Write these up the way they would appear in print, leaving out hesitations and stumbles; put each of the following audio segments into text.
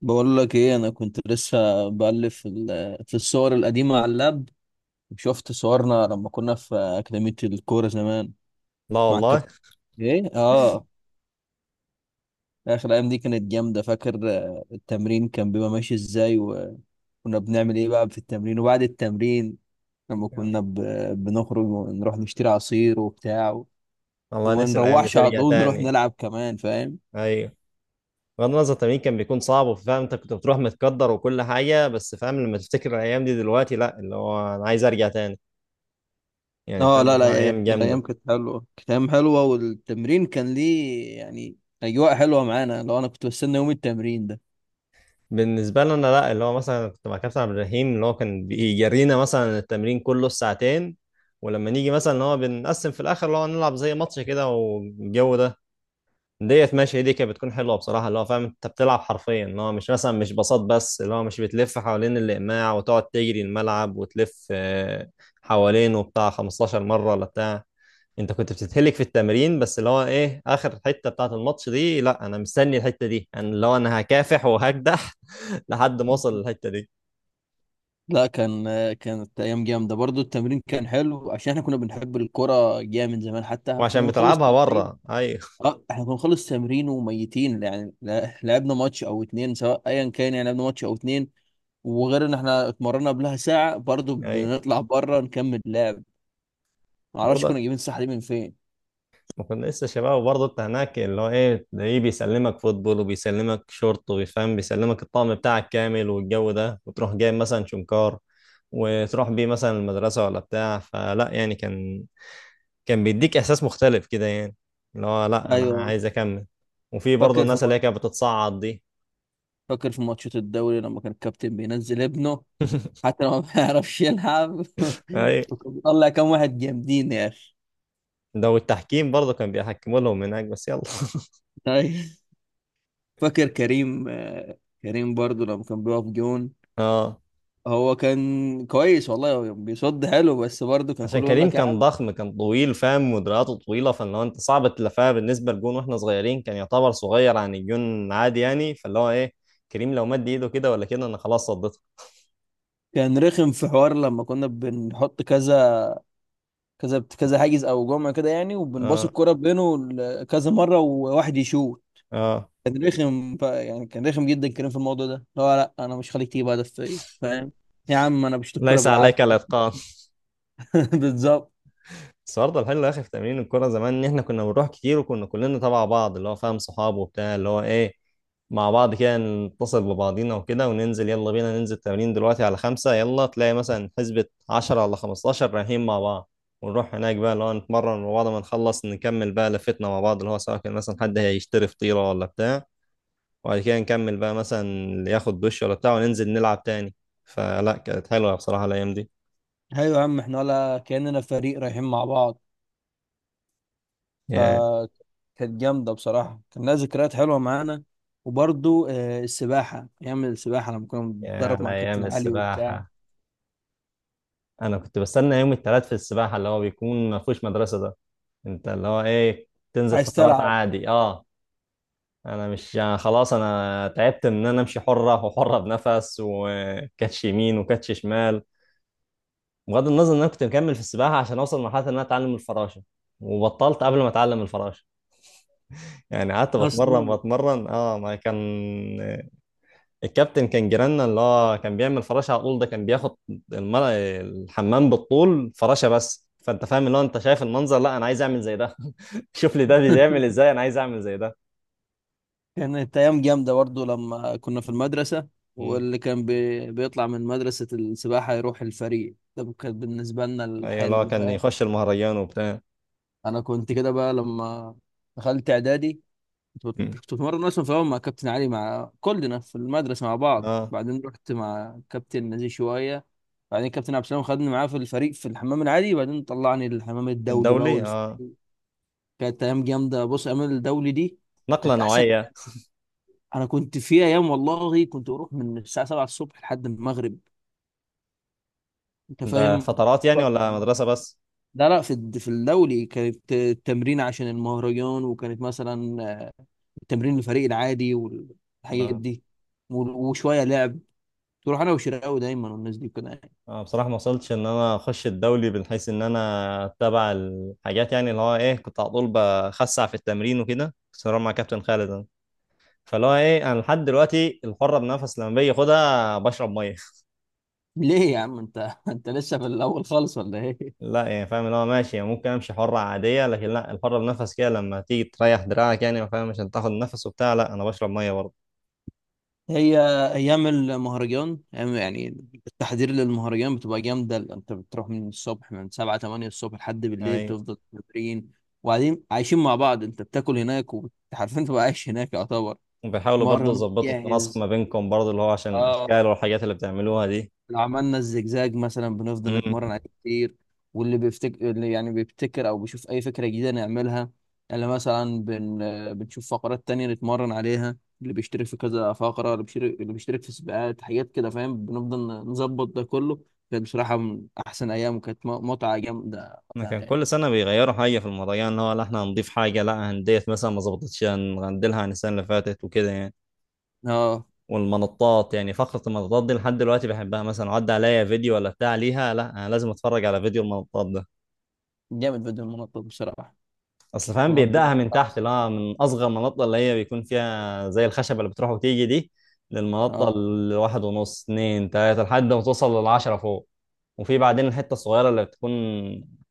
بقول لك ايه؟ انا كنت لسه بقلب في في الصور القديمه على اللاب، وشفت صورنا لما كنا في اكاديميه الكوره زمان لا مع والله. الكابتن. ايه اه، اخر ايام دي كانت جامده. فاكر التمرين كان بيبقى ماشي ازاي، وكنا بنعمل ايه بقى في التمرين وبعد التمرين؟ لما كنا بنخرج ونروح نشتري عصير وبتاع الله، وما نفسي الايام دي نروحش على ترجع طول، نروح تاني. نلعب كمان فاهم؟ ايوه، بغض النظر التمرين كان بيكون صعب وفاهم انت كنت بتروح متقدر وكل حاجه، بس فاهم لما تفتكر الايام دي دلوقتي، لا اللي هو انا عايز ارجع تاني. يعني اه فاهم لا لا، اللي هو ايام الايام جامده كانت حلوه، كانت ايام حلوه، والتمرين كان ليه يعني اجواء حلوه معانا. لو انا كنت بستنى يوم التمرين ده. بالنسبه لنا. لا اللي هو مثلا كنت مع كابتن عبد الرحيم، اللي هو كان بيجرينا مثلا التمرين كله الساعتين، ولما نيجي مثلا اللي هو بنقسم في الاخر اللي هو نلعب زي ماتش كده والجو ده. ديت ماشي، دي كانت بتكون حلوه بصراحه. اللي هو فاهم انت بتلعب حرفيا، اللي هو مش مثلا مش بساط، بس اللي هو مش بتلف حوالين الاقماع وتقعد تجري الملعب وتلف حوالينه بتاع 15 مره ولا بتاع. انت كنت بتتهلك في التمرين، بس اللي هو ايه اخر حته بتاعه الماتش دي، لا انا مستني الحته دي. انا اللي هو انا هكافح وهكدح لحد ما اوصل للحته دي. لا، كانت ايام جامده برضو. التمرين كان حلو عشان احنا كنا بنحب الكرة جامد من زمان، حتى كنا وعشان بنخلص بتلعبها تمرين. بره. ايوه. اه، احنا كنا بنخلص تمرين وميتين يعني، لعبنا ماتش او اتنين، سواء ايا كان يعني لعبنا ماتش او اتنين، وغير ان احنا اتمرنا قبلها ساعه، برضو ايوه، بنطلع بره نكمل لعب. معرفش كنا برضه جايبين الصحه دي من فين. ما كنا لسه شباب، وبرضه انت هناك اللي هو ايه تلاقيه بيسلمك فوتبول وبيسلمك شورت وبيفهم بيسلمك الطقم بتاعك كامل والجو ده، وتروح جايب مثلا شنكار وتروح بيه مثلا المدرسة ولا بتاع. فلا يعني كان، كان بيديك احساس مختلف كده، يعني اللي هو لا انا ايوه، عايز اكمل. وفي برضه فاكر في الناس اللي هي كانت بتتصعد دي. فاكر في ماتشات الدوري لما كان الكابتن بينزل ابنه، حتى لو ما بيعرفش يلعب اي. وكان بيطلع كام واحد جامدين يا اخي. ده والتحكيم برضه كان بيحكموا لهم هناك، بس يلا. طيب. فاكر كريم؟ كريم برضو لما كان بيقف جون. اه، هو كان كويس والله، هو بيصد حلو، بس برضه كان عشان كله يقول كريم لك يا كان عم. ضخم، كان طويل، فاهم؟ مدرياته طويله، فاللي هو انت صعب تلفها بالنسبه لجون. واحنا صغيرين كان يعتبر صغير عن الجون عادي، يعني فاللي هو ايه كريم لو مد ايده كده ولا كده انا خلاص صديتها. كان رخم في حوار لما كنا بنحط كذا كذا كذا حاجز او جمله كده يعني، وبنباص اه. الكرة بينه كذا مرة، وواحد يشوط. اه. كان رخم يعني كان رخم جدا كريم في الموضوع ده، اللي هو لا، انا مش خليك تيجي بعد فيا فاهم؟ يا عم انا بشوط الكوره ليس عليك بالعافيه. الاتقان. بالظبط. بس برضه الحلو يا اخي في تمرين الكوره زمان، ان احنا كنا بنروح كتير وكنا كلنا تبع بعض، اللي هو فاهم صحاب وبتاع. اللي هو ايه مع بعض كده، نتصل ببعضينا وكده وننزل، يلا بينا ننزل تمرين دلوقتي على خمسة. يلا تلاقي مثلا حسبة عشرة ولا خمستاشر رايحين مع بعض. ونروح هناك بقى اللي هو نتمرن مع بعض. ما نخلص نكمل بقى لفتنا مع بعض، اللي هو سواء كان مثلا حد هيشتري فطيرة ولا بتاع، وبعد كده نكمل بقى مثلا اللي ياخد دش ولا بتاع، وننزل نلعب تاني. فلا، كانت حلوة بصراحة الأيام دي. ايوه يا عم، احنا ولا كاننا فريق رايحين مع بعض. ف يا كانت جامده بصراحه، كان لها ذكريات حلوه معانا. وبرضو السباحه، ايام السباحه لما كنا يا بنتدرب على مع أيام كابتن علي وبتاع. السباحة. انا كنت بستنى يوم الثلاث في السباحه، اللي هو بيكون ما فيهوش مدرسه ده. انت اللي هو ايه تنزل عايز فترات تلعب عادي. اه. انا مش، أنا خلاص، انا تعبت من ان انا امشي حره وحره بنفس وكاتش يمين وكاتش شمال. بغض النظر ان انا كنت مكمل في السباحه عشان اوصل لمرحله ان انا اتعلم الفراشه، وبطلت قبل ما اتعلم الفراشه. يعني قعدت بتمرن اصلا. بتمرن، اه ما كان الكابتن كان جيراننا، اللي هو كان بيعمل فراشة على طول. ده كان بياخد المر... الحمام بالطول فراشة. بس فانت فاهم اللي هو انت شايف المنظر، لا انا عايز اعمل زي ده. شوف لي ده بيعمل ازاي، انا عايز اعمل زي ده. كانت أيام جامدة برضه لما كنا في المدرسة، مم. واللي كان بيطلع من مدرسة السباحة يروح الفريق، ده كان بالنسبة لنا ايوه، اللي هو الحلم كان فاهم؟ يخش المهرجان وبتاع. أنا كنت كده بقى لما دخلت إعدادي، مم. كنت بتمرن أصلا في الأول مع كابتن علي مع كلنا في المدرسة مع بعض، اه. بعدين رحت مع كابتن نزيه شوية، بعدين كابتن عبد السلام خدني معاه في الفريق في الحمام العادي، بعدين طلعني للحمام الدولي بقى الدولي، اه، والفريق. كانت أيام جامدة، بص أيام الدولي دي نقلة كانت أحسن. نوعية. انا كنت في ايام والله كنت اروح من الساعه 7 الصبح لحد المغرب. انت ده فاهم؟ فترات يعني بطلع ولا مرة. مدرسة بس؟ لا لا، في في الدولي كانت التمرين عشان المهرجان، وكانت مثلا التمرين الفريق العادي والحاجات اه. دي وشويه لعب، تروح انا وشراوي دايما، والناس دي كده يعني. بصراحة ما وصلتش ان انا اخش الدولي من حيث ان انا اتبع الحاجات، يعني اللي هو ايه كنت على طول بخسع في التمرين وكده، بس مع كابتن خالد. فاللي هو ايه انا لحد دلوقتي الحره بنفس لما باجي اخدها بشرب ميه. ليه يا عم انت؟ انت لسه في الاول خالص ولا ايه؟ لا يعني فاهم اللي هو ماشي، يعني ممكن امشي حره عاديه، لكن لا الحره بنفس كده لما تيجي تريح دراعك، يعني فاهم عشان تاخد نفس وبتاع، لا انا بشرب ميه برضه. هي ايام المهرجان، يعني التحضير للمهرجان بتبقى جامده، انت بتروح من الصبح من 7 8 الصبح لحد بالليل يعني بتفضل تمرين، وبعدين عايشين مع بعض، انت بتاكل هناك وحرفيا تبقى عايش هناك يعتبر، وبيحاولوا برضه تتمرن يظبطوا التناسق وتجهز. ما بينكم، برضه اللي هو عشان الاشكال اه. والحاجات اللي بتعملوها دي. لو عملنا الزجزاج مثلا بنفضل امم نتمرن عليه كتير، واللي بيفتكر اللي يعني بيبتكر او بيشوف اي فكره جديده نعملها، اللي مثلا بنشوف فقرات تانية نتمرن عليها، اللي بيشترك في كذا فقره، اللي بيشترك في سباقات حاجات كده فاهم. بنفضل نظبط ده كله. كانت بصراحه من احسن ايام، وكانت متعه جامده إحنا وقتها كان يعني. كل سنه بيغيروا حاجه في الموضوع، يعني اللي هو لا احنا هنضيف حاجه، لا هنديت مثلا ما ظبطتش هنغندلها عن السنه اللي فاتت وكده يعني. اه. والمنطات، يعني فقرة المنطات دي لحد دلوقتي بحبها. مثلا عدى عليا فيديو ولا بتاع ليها، لا أنا لازم أتفرج على فيديو المنطات ده. جامد بدون منطق بصراحه. أصل فاهم منطق من بيبدأها من تحت، الخمس، لا من أصغر منطة اللي هي بيكون فيها زي الخشبة اللي بتروح وتيجي دي، للمنطة اه. الواحد ونص اتنين تلاتة لحد ما توصل للعشرة فوق. وفي بعدين الحتة الصغيرة اللي بتكون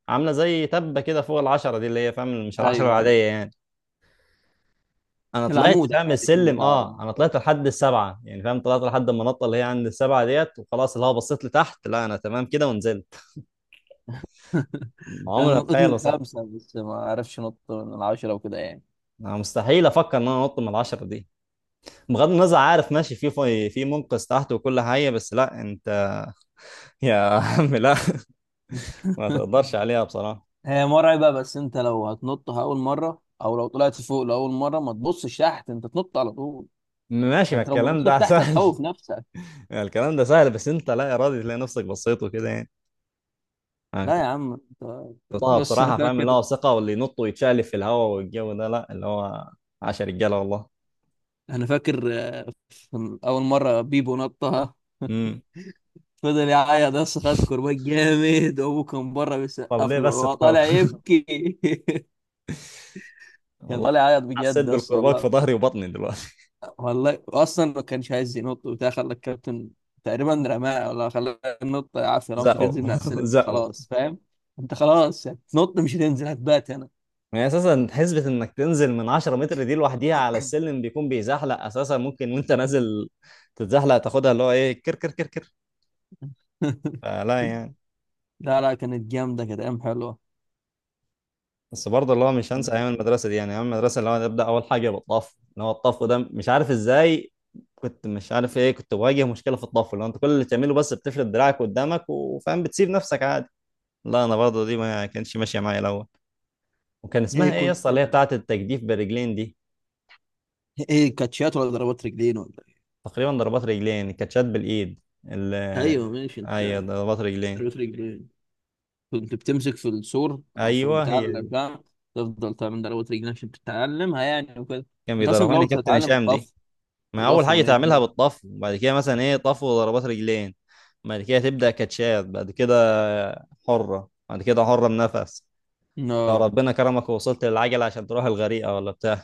عاملة زي تبة كده فوق العشرة دي، اللي هي فاهم مش العشرة ايوه ايوه. العادية يعني. انا طلعت العمود، فاهم عادي، العمود السلم. بتاع اه انا المنطقة. طلعت لحد السبعه، يعني فاهم طلعت لحد المنطقه اللي هي عند السبعه ديت، وخلاص اللي هو بصيت لتحت، لا انا تمام كده، ونزلت. انا عمري ما نطيت من اتخيل اصلا. الخمسه، بس ما اعرفش نط من العشره وكده يعني. انا مستحيل افكر ان انا انط من العشره دي. بغض النظر عارف ماشي في منقذ تحت وكل حاجه، بس لا انت. يا عم لا. ما تقدرش عليها بصراحه. هي مرعبه، بس انت لو هتنطها اول مره او لو طلعت فوق لاول مره ما تبصش تحت، انت تنط على طول. ماشي، ما انت لو الكلام بصيت ده تحت سهل. هتخوف نفسك. الكلام ده سهل، بس انت لا ارادي تلاقي نفسك بصيت وكده يعني. أنا لا كنت يا عم انت، بطلعها بص انا بصراحه، فاهم اللي فاكر هو ثقه، واللي ينط ويتشقلب في الهواء والجو ده، لا اللي هو عشر رجاله والله. انا فاكر آه، اول مره بيبو نطها، امم فضل يعيط، بس خد كرباج جامد، وابوه كان بره طب بيسقف ليه له، بس هو طالع تخاف؟ يبكي. كان والله طالع يعيط بجد حسيت بس بالكرباج في والله. ظهري وبطني دلوقتي. والله اصلا ما كانش عايز ينط وبتاع، خلى الكابتن تقريبا رماه، ولا خلاه ينط عافيه، لو مش هتنزل من على زقوا. السلم زقوا. خلاص فاهم؟ انت خلاص هتنط، مش هتنزل، هتبات هنا. يعني اساسا حسبة انك تنزل من 10 متر دي لوحديها على السلم بيكون بيزحلق اساسا، ممكن وانت نازل تتزحلق تاخدها، اللي هو ايه كر كر كر كر. فلا يعني. لا لا، كانت جامده، كانت ايام حلوه. بس برضه اللي هو مش هنسى ايام المدرسة دي، يعني ايام المدرسة اللي هو نبدأ اول حاجة بالطف، اللي هو الطف ده مش عارف ازاي كنت مش عارف ايه، كنت بواجه مشكلة في الطف. اللي هو انت كل اللي بتعمله بس بتفرد دراعك قدامك وفاهم بتسيب نفسك عادي، لا انا برضه دي ما كانتش ماشية معايا الاول. وكان ايه اسمها ايه يا كنت اسطى اللي هي بتاعت التجديف بالرجلين دي؟ ايه، كاتشات ولا ضربات رجلين ولا ايه؟ تقريبا ضربات رجلين، كاتشات بالايد ال، ايوه ماشي انت. ايوه ضربات رجلين. ضربات رجلين، كنت بتمسك في السور او في ايوه البتاع هي اللي دي. بتاع، تفضل تعمل ضربات رجلين عشان تتعلمها يعني وكده. كان انت اصلا في بيدربها الاول لي كابتن بتتعلم هشام دي. طف ما اول وضف حاجه تعملها ونجمه، بالطفو، بعد كده مثلا ايه طفو وضربات رجلين، بعد كده تبدا كاتشات، بعد كده حره، بعد كده حره بنفس، لو لا ربنا كرمك ووصلت للعجله عشان تروح الغريقه ولا بتاع.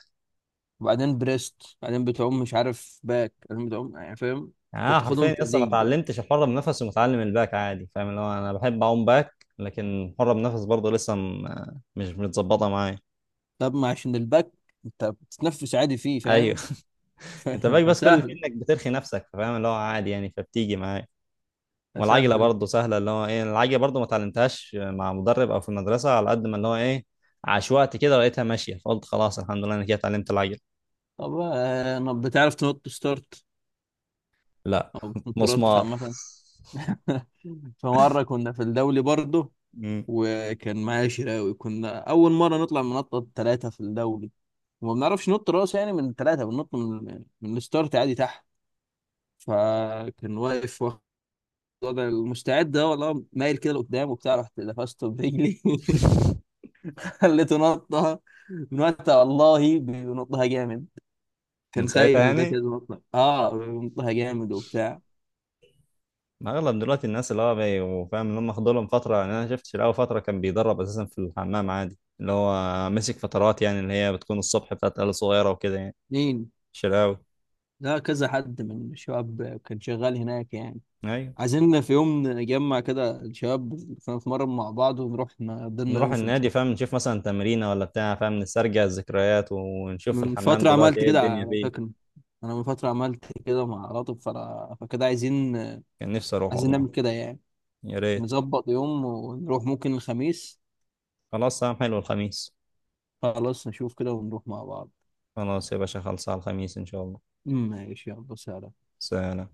وبعدين بريست، بعدين بتعوم مش عارف باك، بعدين بتعوم يعني فاهم؟ يعني انت انا بتاخدهم حرفيا لسه ما تدريج بقى. اتعلمتش الحره بنفس، ومتعلم الباك عادي، فاهم اللي هو انا بحب اعوم باك، لكن الحره بنفس برضه لسه مش متظبطه معايا. طب ما عشان الباك انت بتتنفس عادي فيه ايوه. فاهم؟ ف- انت باك بس كل اللي فيه فسهل انك بترخي نفسك، فاهم اللي هو عادي يعني فبتيجي معايا. والعجله فسهل برضه سهله، اللي هو ايه العجله برضه ما اتعلمتهاش مع مدرب او في المدرسه، على قد ما اللي هو ايه عشوائي كده لقيتها ماشيه، فقلت خلاص الحمد لله انا كده اتعلمت العجله. طب ما بتعرف تنط ستارت لا او بتنطرش مسمار. عامة؟ فمرة كنا في الدولي برضه، مم. وكان معايا شراوي، كنا أول مرة نطلع من نطة ثلاثة في الدولي، وما بنعرفش نط راس، يعني من ثلاثة بننط من الستارت عادي تحت، فكان واقف انا المستعد ده، والله مايل كده لقدام وبتاع، رحت لفسته برجلي خليته نطها. من وقتها والله بينطها جامد، من كان ساعتها خايف وكان كده يعني. نطها، اه بينطها جامد وبتاع. ما اغلب دلوقتي الناس اللي هو وفاهم اللي هم خدوا لهم فتره. يعني انا شفت شيلاوي فتره كان بيدرب اساسا في الحمام عادي، اللي هو مسك فترات، يعني اللي هي بتكون الصبح بتاعت عيال صغيره وكده يعني. مين؟ شيلاوي. لا كذا حد من الشباب كان شغال هناك يعني. ايوه. عايزين في يوم نجمع كده الشباب، نتمرن مع بعض ونروح نقضينا نروح يوم في النادي فاهم السباحة. نشوف مثلا تمرينه ولا بتاع، فاهم نسترجع الذكريات ونشوف من الحمام فترة دلوقتي عملت ايه كده الدنيا على فيه. فكرة، أنا من فترة عملت كده مع لطف فكده عايزين كان نفسي اروح عايزين والله. نعمل كده يعني، يا ريت. نظبط يوم ونروح، ممكن الخميس. خلاص تمام، حلو الخميس. خلاص نشوف كده ونروح مع بعض. خلاص يا باشا، خلصها الخميس ان شاء الله. ماشي، يلا سلام. سلام.